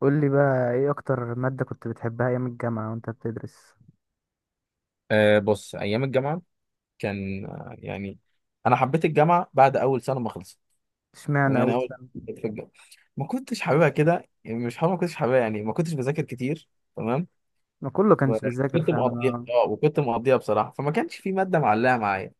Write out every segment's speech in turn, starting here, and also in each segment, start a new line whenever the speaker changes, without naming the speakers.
قول لي بقى ايه اكتر مادة كنت بتحبها ايام الجامعة وانت بتدرس؟
بص ايام الجامعه كان انا حبيت الجامعه بعد اول سنه ما خلصت.
اشمعنى
يعني
اول
اول
سنة؟
في الجامعه ما كنتش حاببها كده، يعني مش حابب، ما كنتش حاببها يعني ما كنتش بذاكر كتير. تمام.
ما كله كانش بيذاكر
كنت
فعلا.
مقضيها،
انا
وكنت مقضيها بصراحه، فما كانش في ماده معلقه معايا.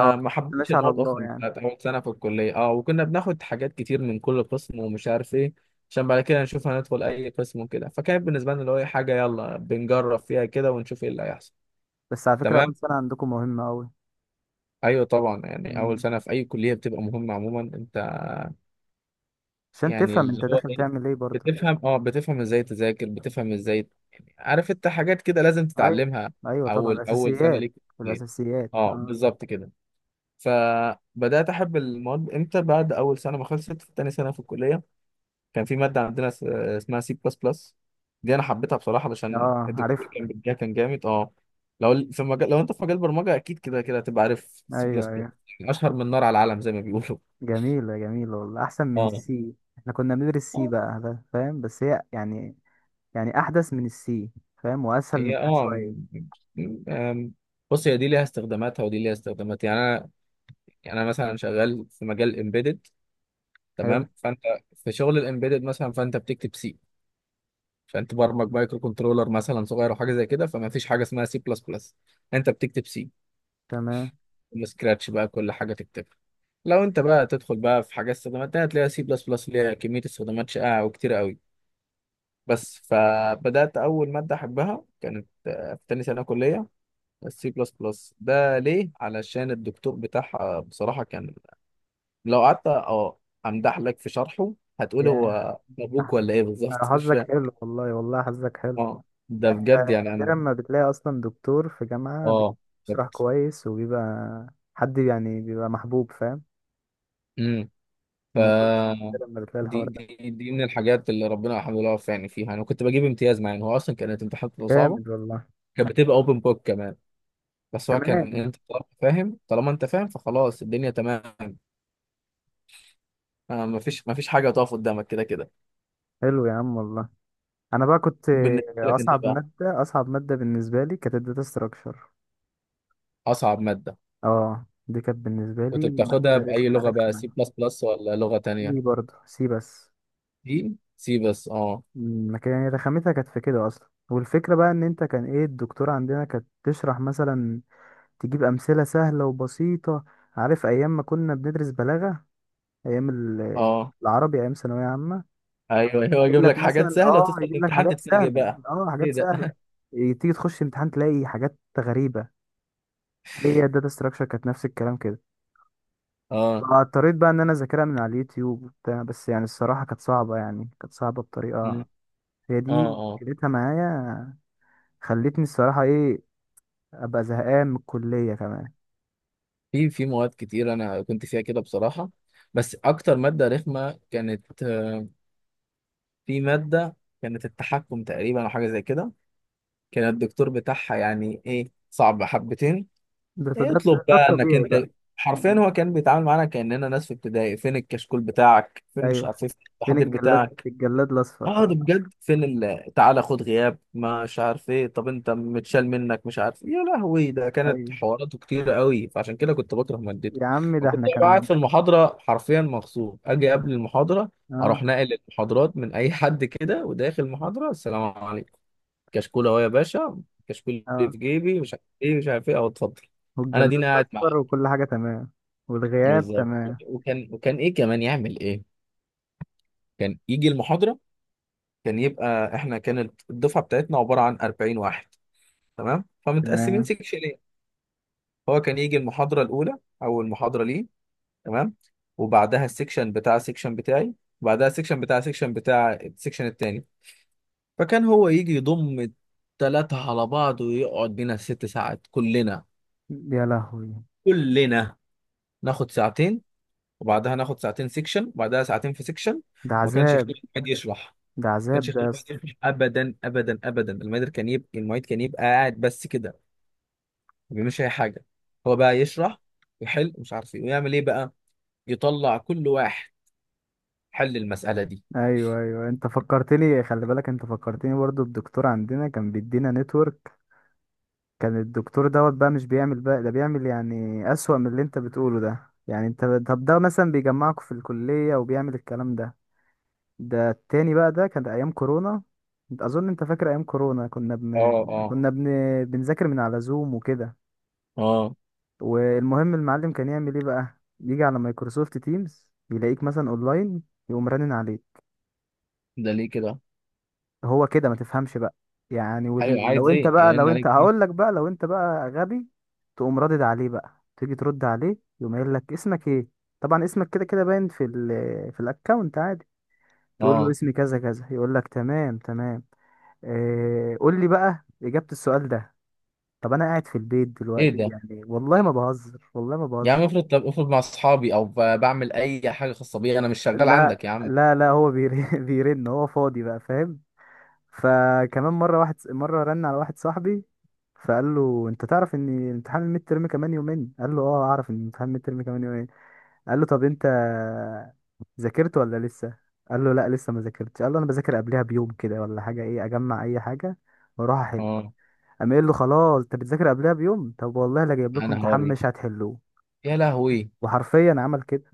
اه
ما
كنت
حبيتش
ماشي على
المواد
الله
اصلا
يعني.
بتاعت اول سنه في الكليه، وكنا بناخد حاجات كتير من كل قسم ومش عارف ايه، عشان بعد كده نشوف هندخل اي قسم وكده. فكانت بالنسبه لنا اللي هو حاجه يلا بنجرب فيها كده ونشوف ايه اللي هيحصل.
بس على فكرة اول
تمام.
سنة عندكم مهمة قوي،
ايوه طبعا، يعني اول سنه في اي كليه بتبقى مهمه عموما. انت
عشان
يعني
تفهم انت
اللي هو
داخل
ايه،
تعمل ايه برضه.
بتفهم، بتفهم ازاي تذاكر، بتفهم ازاي، يعني عارف انت حاجات كده لازم
ايوه
تتعلمها،
ايوه طبعا،
اول سنه
الاساسيات.
ليك في الكلية.
الاساسيات
اه
اه.
بالظبط كده. فبدات احب المواد امتى؟ بعد اول سنه ما خلصت، في تاني سنه في الكليه كان في ماده عندنا اسمها سي بلس بلس. دي انا حبيتها بصراحه علشان
اه
الدكتور
عارفها.
كان بيديها، كان جامد. اه لو في مجال، لو انت في مجال برمجه اكيد كده كده هتبقى عارف سي بلس
ايوه
بلس،
ايوه
اشهر من نار على العالم زي ما بيقولوا.
جميلة والله، احسن من
اه
السي. احنا كنا بندرس سي
آه،
بقى، ده فاهم، بس هي يعني يعني احدث من السي، فاهم، واسهل
هي
منها
م-
شوية.
م- آم، بص، هي دي ليها استخداماتها ودي ليها استخدامات. يعني انا، يعني انا مثلا شغال في مجال امبيدد،
حلو،
تمام؟ فانت في شغل الامبيدد مثلا فانت بتكتب سي. فانت برمج مايكرو كنترولر مثلا صغير او حاجه زي كده، فما فيش حاجه اسمها سي بلس بلس، انت بتكتب سي
تمام.
سكراتش بقى كل حاجه تكتبها. لو انت بقى تدخل بقى في حاجات استخدامات تانية تلاقي سي بلس بلس ليها كميه استخدامات شائعه وكتير قوي. بس. فبدات اول ماده احبها كانت في تاني سنه كليه السي بلس بلس ده. ليه؟ علشان الدكتور بتاعها بصراحة كان، لو قعدت امدح لك في شرحه هتقول
يا
هو ابوك
أحمد،
ولا ايه
أنا
بالظبط مش
حظك
فاهم.
حلو والله، والله حظك حلو.
اه ده
يعني
بجد، يعني
نادرا
انا،
ما بتلاقي أصلا دكتور في جامعة
اه بجد.
بيشرح كويس، وبيبقى حد يعني بيبقى محبوب، فاهم
امم ف
الموضوع. نادرا ما بتلاقي
دي
الحوار ده.
دي من الحاجات اللي ربنا الحمد لله وفقني فيها، انا كنت بجيب امتياز مع ان هو اصلا كانت امتحاناته صعبه.
جامد والله.
كانت بتبقى اوبن بوك كمان، بس هو كان
تمام.
انت طالما فاهم، طالما انت فاهم فخلاص الدنيا تمام. ما فيش حاجه تقف قدامك كده كده.
حلو يا عم والله. أنا بقى كنت،
بالنسبه لك انت
أصعب
بقى،
مادة، أصعب مادة بالنسبة لي كانت الداتا ستراكشر.
اصعب ماده
اه دي كانت بالنسبة لي
كنت بتاخدها
مادة
بأي
رخمة
لغة بقى؟ سي
رخمة
بلس بلس ولا لغة
سي
تانية؟
برضه، سي بس.
سي، سي بس. اه.
ما كان يعني رخامتها كانت في كده اصلا. والفكره بقى ان انت كان ايه، الدكتور عندنا كانت تشرح مثلا، تجيب امثله سهله وبسيطه. عارف ايام ما كنا بندرس بلاغه، ايام ال-
اه
العربي، ايام ثانويه عامه.
ايوه، هو
يجيب
يجيب لك
لك
حاجات
مثلا
سهلة وتدخل
يجيب لك
الامتحان
حاجات
تتفاجئ
سهله،
بقى،
اه
ايه
حاجات
ده؟
سهله، تيجي تخش امتحان تلاقي حاجات غريبه. هي الداتا ستراكشر كانت نفس الكلام كده.
اه.
اضطريت بقى ان انا اذاكرها من على اليوتيوب وبتاع، بس يعني الصراحه كانت صعبه، يعني كانت صعبه
مم.
بطريقه. هي دي
اه. اه
مشكلتها معايا. خلتني الصراحة ايه، ابقى زهقان من الكليه كمان.
في مواد كتير انا كنت فيها كده بصراحة. بس اكتر مادة رخمة كانت في مادة كانت التحكم تقريبا او حاجة زي كده. كان الدكتور بتاعها يعني ايه، صعب حبتين،
ده ده ده
اطلب
ده
بقى انك
الطبيعي بقى.
انت، حرفيا
م-
هو كان بيتعامل معانا كأننا ناس في ابتدائي. فين الكشكول بتاعك؟ فين مش
ايوه.
عارف إيه؟
فين
التحضير
الجلاد،
بتاعك.
الجلاد الاصفر
اه ده
بقى؟
بجد. فين ال... تعالى خد غياب مش عارف ايه. طب انت متشال منك مش عارف إيه. يا لهوي، ده كانت
ايوه
حواراته كتير قوي، فعشان كده كنت بكره مادته.
يا عم، ده
وكنت
احنا
قاعد
كمان.
في المحاضره حرفيا مغصوب، اجي قبل المحاضره
اه
اروح ناقل المحاضرات من اي حد كده، وداخل المحاضره السلام عليكم، كشكول اهو يا باشا، كشكول اللي
اه.
في جيبي مش عارف ايه مش عارف ايه اهو اتفضل. انا
والجلاد
دينا قاعد معاه.
الاصفر وكل حاجه تمام. والغياب
بالظبط.
تمام.
وكان ايه كمان يعمل ايه، كان يجي المحاضره، كان يبقى احنا كانت الدفعه بتاعتنا عباره عن 40 واحد، تمام؟ فمتقسمين
تمام.
سيكشنين، هو كان يجي المحاضره الاولى، اول محاضره ليه، تمام؟ وبعدها السيكشن بتاع بتاعي، وبعدها السيكشن بتاع السيكشن التاني. فكان هو يجي يضم التلاتة على بعض ويقعد بينا ست ساعات. كلنا
يا لهوي،
كلنا ناخد ساعتين، وبعدها ناخد ساعتين سيكشن، وبعدها ساعتين في سيكشن.
ده
وما كانش
عذاب.
يخلي حد يشرح ما
ده عذاب
كانش
ده
يخلي
يا
حد
اسطى.
يشرح ابدا ابدا ابدا. المعيد كان يبقى قاعد بس كده، ما بيعملوش اي حاجه. هو بقى يشرح ويحل ومش عارف ايه ويعمل ايه بقى، يطلع كل واحد، حل المساله دي.
ايوه ايوه، انت فكرتني، خلي بالك، انت فكرتني برضو. الدكتور عندنا كان بيدينا نتورك، كان الدكتور دوت بقى، مش بيعمل بقى ده، بيعمل يعني أسوأ من اللي انت بتقوله ده، يعني انت. طب ده مثلا بيجمعكوا في الكلية وبيعمل الكلام ده؟ ده التاني بقى، ده كان أيام كورونا، انت أظن انت فاكر أيام كورونا.
اه. اه.
كنا بن... بنذاكر من على زوم وكده.
اه
والمهم المعلم كان يعمل ايه بقى، يجي على مايكروسوفت تيمز يلاقيك مثلا اونلاين، يقوم رنن عليك.
ده ليه كده؟
هو كده ما تفهمش بقى.
ايوه
لو
عايز
انت
ايه
بقى،
يرن
لو انت
عليك فيه؟
هقول لك بقى، لو انت بقى غبي، تقوم رادد عليه بقى، تيجي ترد عليه، يقوم قايل لك اسمك ايه. طبعا اسمك كده كده باين في في الاكونت عادي. تقول له
اه
اسمي كذا كذا، يقول لك تمام تمام. اه... قول لي بقى اجابة السؤال ده. طب انا قاعد في البيت
ايه
دلوقتي
ده؟
يعني، والله ما بهزر، والله ما
يا عم
بهزر.
افرض، طب افرض مع اصحابي او بعمل اي حاجه خاصه بيا، انا مش شغال
لا
عندك يا عم.
لا لا، هو بيرن بيرن، هو فاضي بقى، فاهم. فكمان مره، واحد مره رن على واحد صاحبي، فقال له انت تعرف ان امتحان الميد ترم كمان يومين؟ قال له اه اعرف ان امتحان الميد ترم كمان يومين. قال له طب انت ذاكرت ولا لسه؟ قال له لا لسه ما ذاكرتش، قال له انا بذاكر قبلها بيوم كده ولا حاجه، ايه اجمع اي حاجه واروح احل.
اه
قام قايل له خلاص انت بتذاكر قبلها بيوم، طب والله لا جايب لكم
انا
امتحان مش
هوريك.
هتحلوه.
يا لهوي.
وحرفيا عمل كده.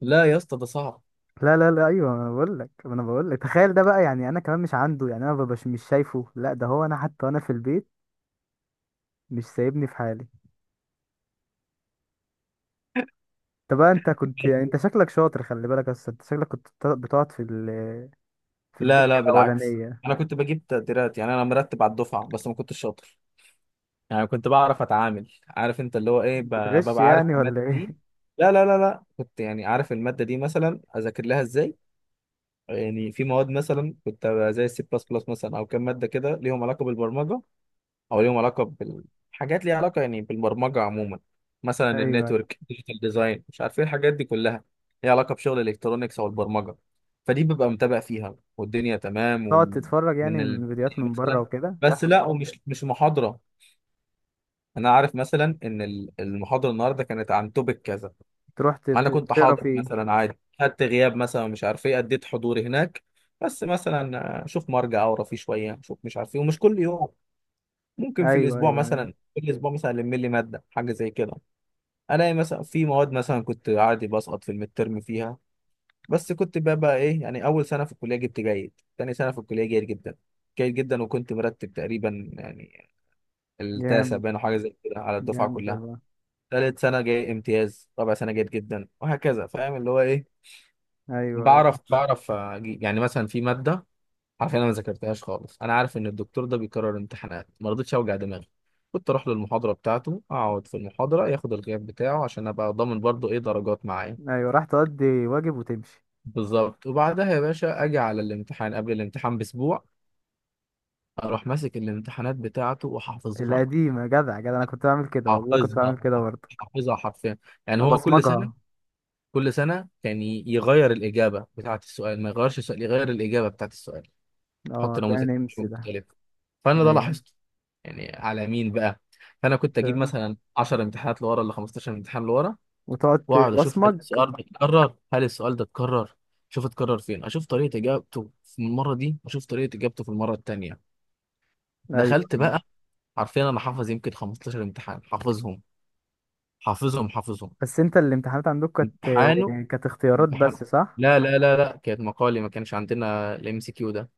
لا يا اسطى ده صعب.
لا لا لا، ايوه انا بقول لك، انا بقول لك تخيل ده بقى. يعني انا كمان مش عنده، يعني انا مبقاش مش شايفه. لا ده هو انا حتى وانا في البيت مش سايبني في حالي. طب انت كنت يعني انت شكلك شاطر، خلي بالك، بس انت شكلك بتقعد في في
لا
الدكه
لا بالعكس،
الاولانيه.
انا كنت بجيب تقديرات، يعني انا مرتب على الدفعه، بس ما كنتش شاطر. يعني كنت بعرف اتعامل، عارف انت اللي هو ايه،
بتغش
ببقى عارف
يعني
الماده
ولا ايه؟
دي. لا لا لا لا، كنت يعني عارف الماده دي مثلا اذاكر لها ازاي. يعني في مواد مثلا كنت أبقى زي السي بلس بلس مثلا، او كام ماده كده ليهم علاقه بالبرمجه او ليهم علاقه بالحاجات ليها علاقه يعني بالبرمجه عموما، مثلا
ايوه
النتورك، ديجيتال ديزاين، مش عارف ايه الحاجات دي كلها، ليها علاقه بشغل الالكترونيكس او البرمجه. فدي ببقى متابع فيها والدنيا تمام،
تقعد تتفرج يعني
ومن ال...
من فيديوهات من بره
مثلا.
وكده.
بس لا، ومش مش محاضره. انا عارف مثلا ان المحاضره النهارده كانت عن توبيك كذا.
تروح
انا كنت
تقرا
حاضر
فيه.
مثلا عادي، خدت غياب مثلا مش عارف ايه، اديت حضوري هناك. بس مثلا اشوف مرجع اقرا فيه شويه، اشوف مش عارف ايه، ومش كل يوم، ممكن في
ايوه
الاسبوع
ايوه ايوه
مثلا، كل اسبوع مثلا الم لي ماده حاجه زي كده. الاقي مثلا في مواد مثلا كنت عادي بسقط في الميد ترم فيها، بس كنت بقى ايه، يعني اول سنه في الكليه جبت جيد، تاني سنه في الكليه جيد جدا، جيد جدا، وكنت مرتب تقريبا يعني التاسع
جامد.
باين أو حاجه زي كده على الدفعه
جامد
كلها.
والله.
تالت سنة جاي امتياز، رابع سنة جيد جدا، وهكذا. فاهم اللي هو ايه،
ايوه ايوه
بعرف اجيب. يعني مثلا في مادة عارف انا ما ذاكرتهاش خالص، انا عارف ان الدكتور ده بيكرر امتحانات، ما رضيتش اوجع دماغي. كنت اروح للمحاضرة بتاعته، اقعد في المحاضرة ياخد الغياب بتاعه عشان ابقى ضامن برضو ايه درجات معايا.
ايوه راح تقضي واجب وتمشي.
بالظبط. وبعدها يا باشا اجي على الامتحان قبل الامتحان باسبوع، اروح ماسك الامتحانات بتاعته وحافظها.
القديمه، جدع جدع، انا كنت بعمل كده والله، كنت
حافظها،
بعمل كده برضه.
حافظها حرفيا. يعني هو كل سنة،
ابصمجها.
كل سنة كان يغير الإجابة بتاعة السؤال، ما يغيرش السؤال، يغير الإجابة بتاعة السؤال،
اه
يحط
ده
نموذج
نمس ده.
مختلف. فأنا ده
ايوه،
لاحظته، يعني على مين بقى؟ فأنا كنت أجيب مثلا 10 امتحانات لورا ولا 15 امتحان لورا،
وتقعد
وأقعد أشوف هل
تبصمج.
السؤال ده اتكرر، هل السؤال ده اتكرر، شوف اتكرر فين، أشوف طريقة إجابته في المرة دي وأشوف طريقة إجابته في المرة التانية. دخلت
ايوه.
بقى، عارفين أنا حافظ يمكن 15 امتحان، حافظهم، حافظهم، حافظهم.
بس انت الامتحانات عندك كانت،
امتحان.
كانت اختيارات
امتحان.
بس، صح؟
لا لا لا لا كانت مقالي، ما كانش عندنا الام سي كيو ده.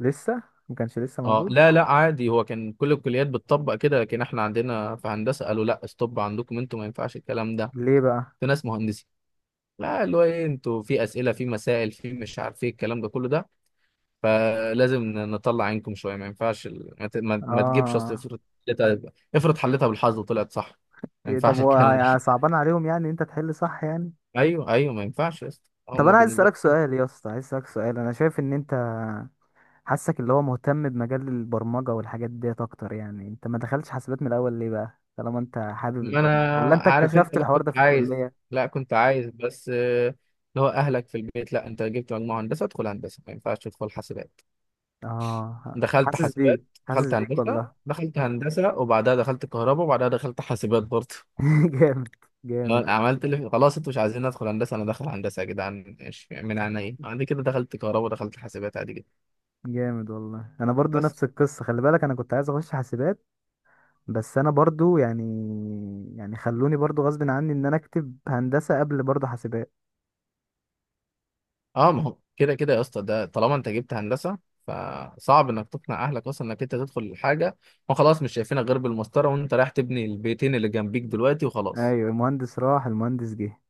لسه، ما كانش لسه
اه
موجود.
لا لا عادي، هو كان كل الكليات بتطبق كده، لكن احنا عندنا في هندسه قالوا لا ستوب، عندكم انتوا ما ينفعش الكلام ده،
ليه بقى؟
في ناس مهندسين، لا اللي هو ايه انتوا في اسئله، في مسائل، في مش عارف ايه الكلام ده كله ده، فلازم نطلع عينكم شويه. ما ينفعش ال- ما, ت... ما... ما تجيبش اصل،
اه.
افرض حلتها، افرض حلتها بالحظ وطلعت صح، ما
إيه، طب
ينفعش
هو
الكلام ده
صعبان عليهم يعني إن انت تحل صح يعني؟
ايوه ايوه ما ينفعش يا اسطى،
طب
هما
انا عايز
بالنسبه،
اسالك سؤال يا اسطى، عايز اسالك سؤال، انا شايف ان انت، حاسك اللي هو مهتم بمجال البرمجه والحاجات ديت اكتر، يعني انت ما دخلتش حاسبات من الاول ليه بقى طالما انت حابب
ما انا
البرمجه، ولا انت
عارف انت.
اكتشفت الحوار ده في الكليه؟
لا كنت عايز بس اللي هو اهلك في البيت، لا انت جبت مجموعه هندسه ادخل هندسه، ما ينفعش تدخل حاسبات.
اه
دخلت
حاسس
حاسبات،
بيك. حاسس
دخلت
بيك
هندسه،
والله.
دخلت هندسه وبعدها دخلت كهرباء وبعدها دخلت حاسبات برضه.
جامد.
ما
جامد.
أنا عملت اللي خلاص انتوا مش عايزين ادخل هندسه، انا داخل هندسه. يا جدعان ماشي، من عنا ايه عندي كده، دخلت كهرباء دخلت حاسبات عادي جدا.
جامد والله، انا برضو
بس.
نفس القصه، خلي بالك، انا كنت عايز اخش حاسبات، بس انا برضو يعني، يعني خلوني برضو غصب عني ان انا اكتب هندسه قبل برضو حاسبات.
اه ما هو كده كده يا اسطى، ده طالما انت جبت هندسه فصعب انك تقنع اهلك اصلا انك انت تدخل الحاجه. ما خلاص، مش شايفينك غير بالمسطره وانت رايح تبني البيتين اللي جنبيك دلوقتي
ايوه،
وخلاص.
المهندس راح المهندس جه.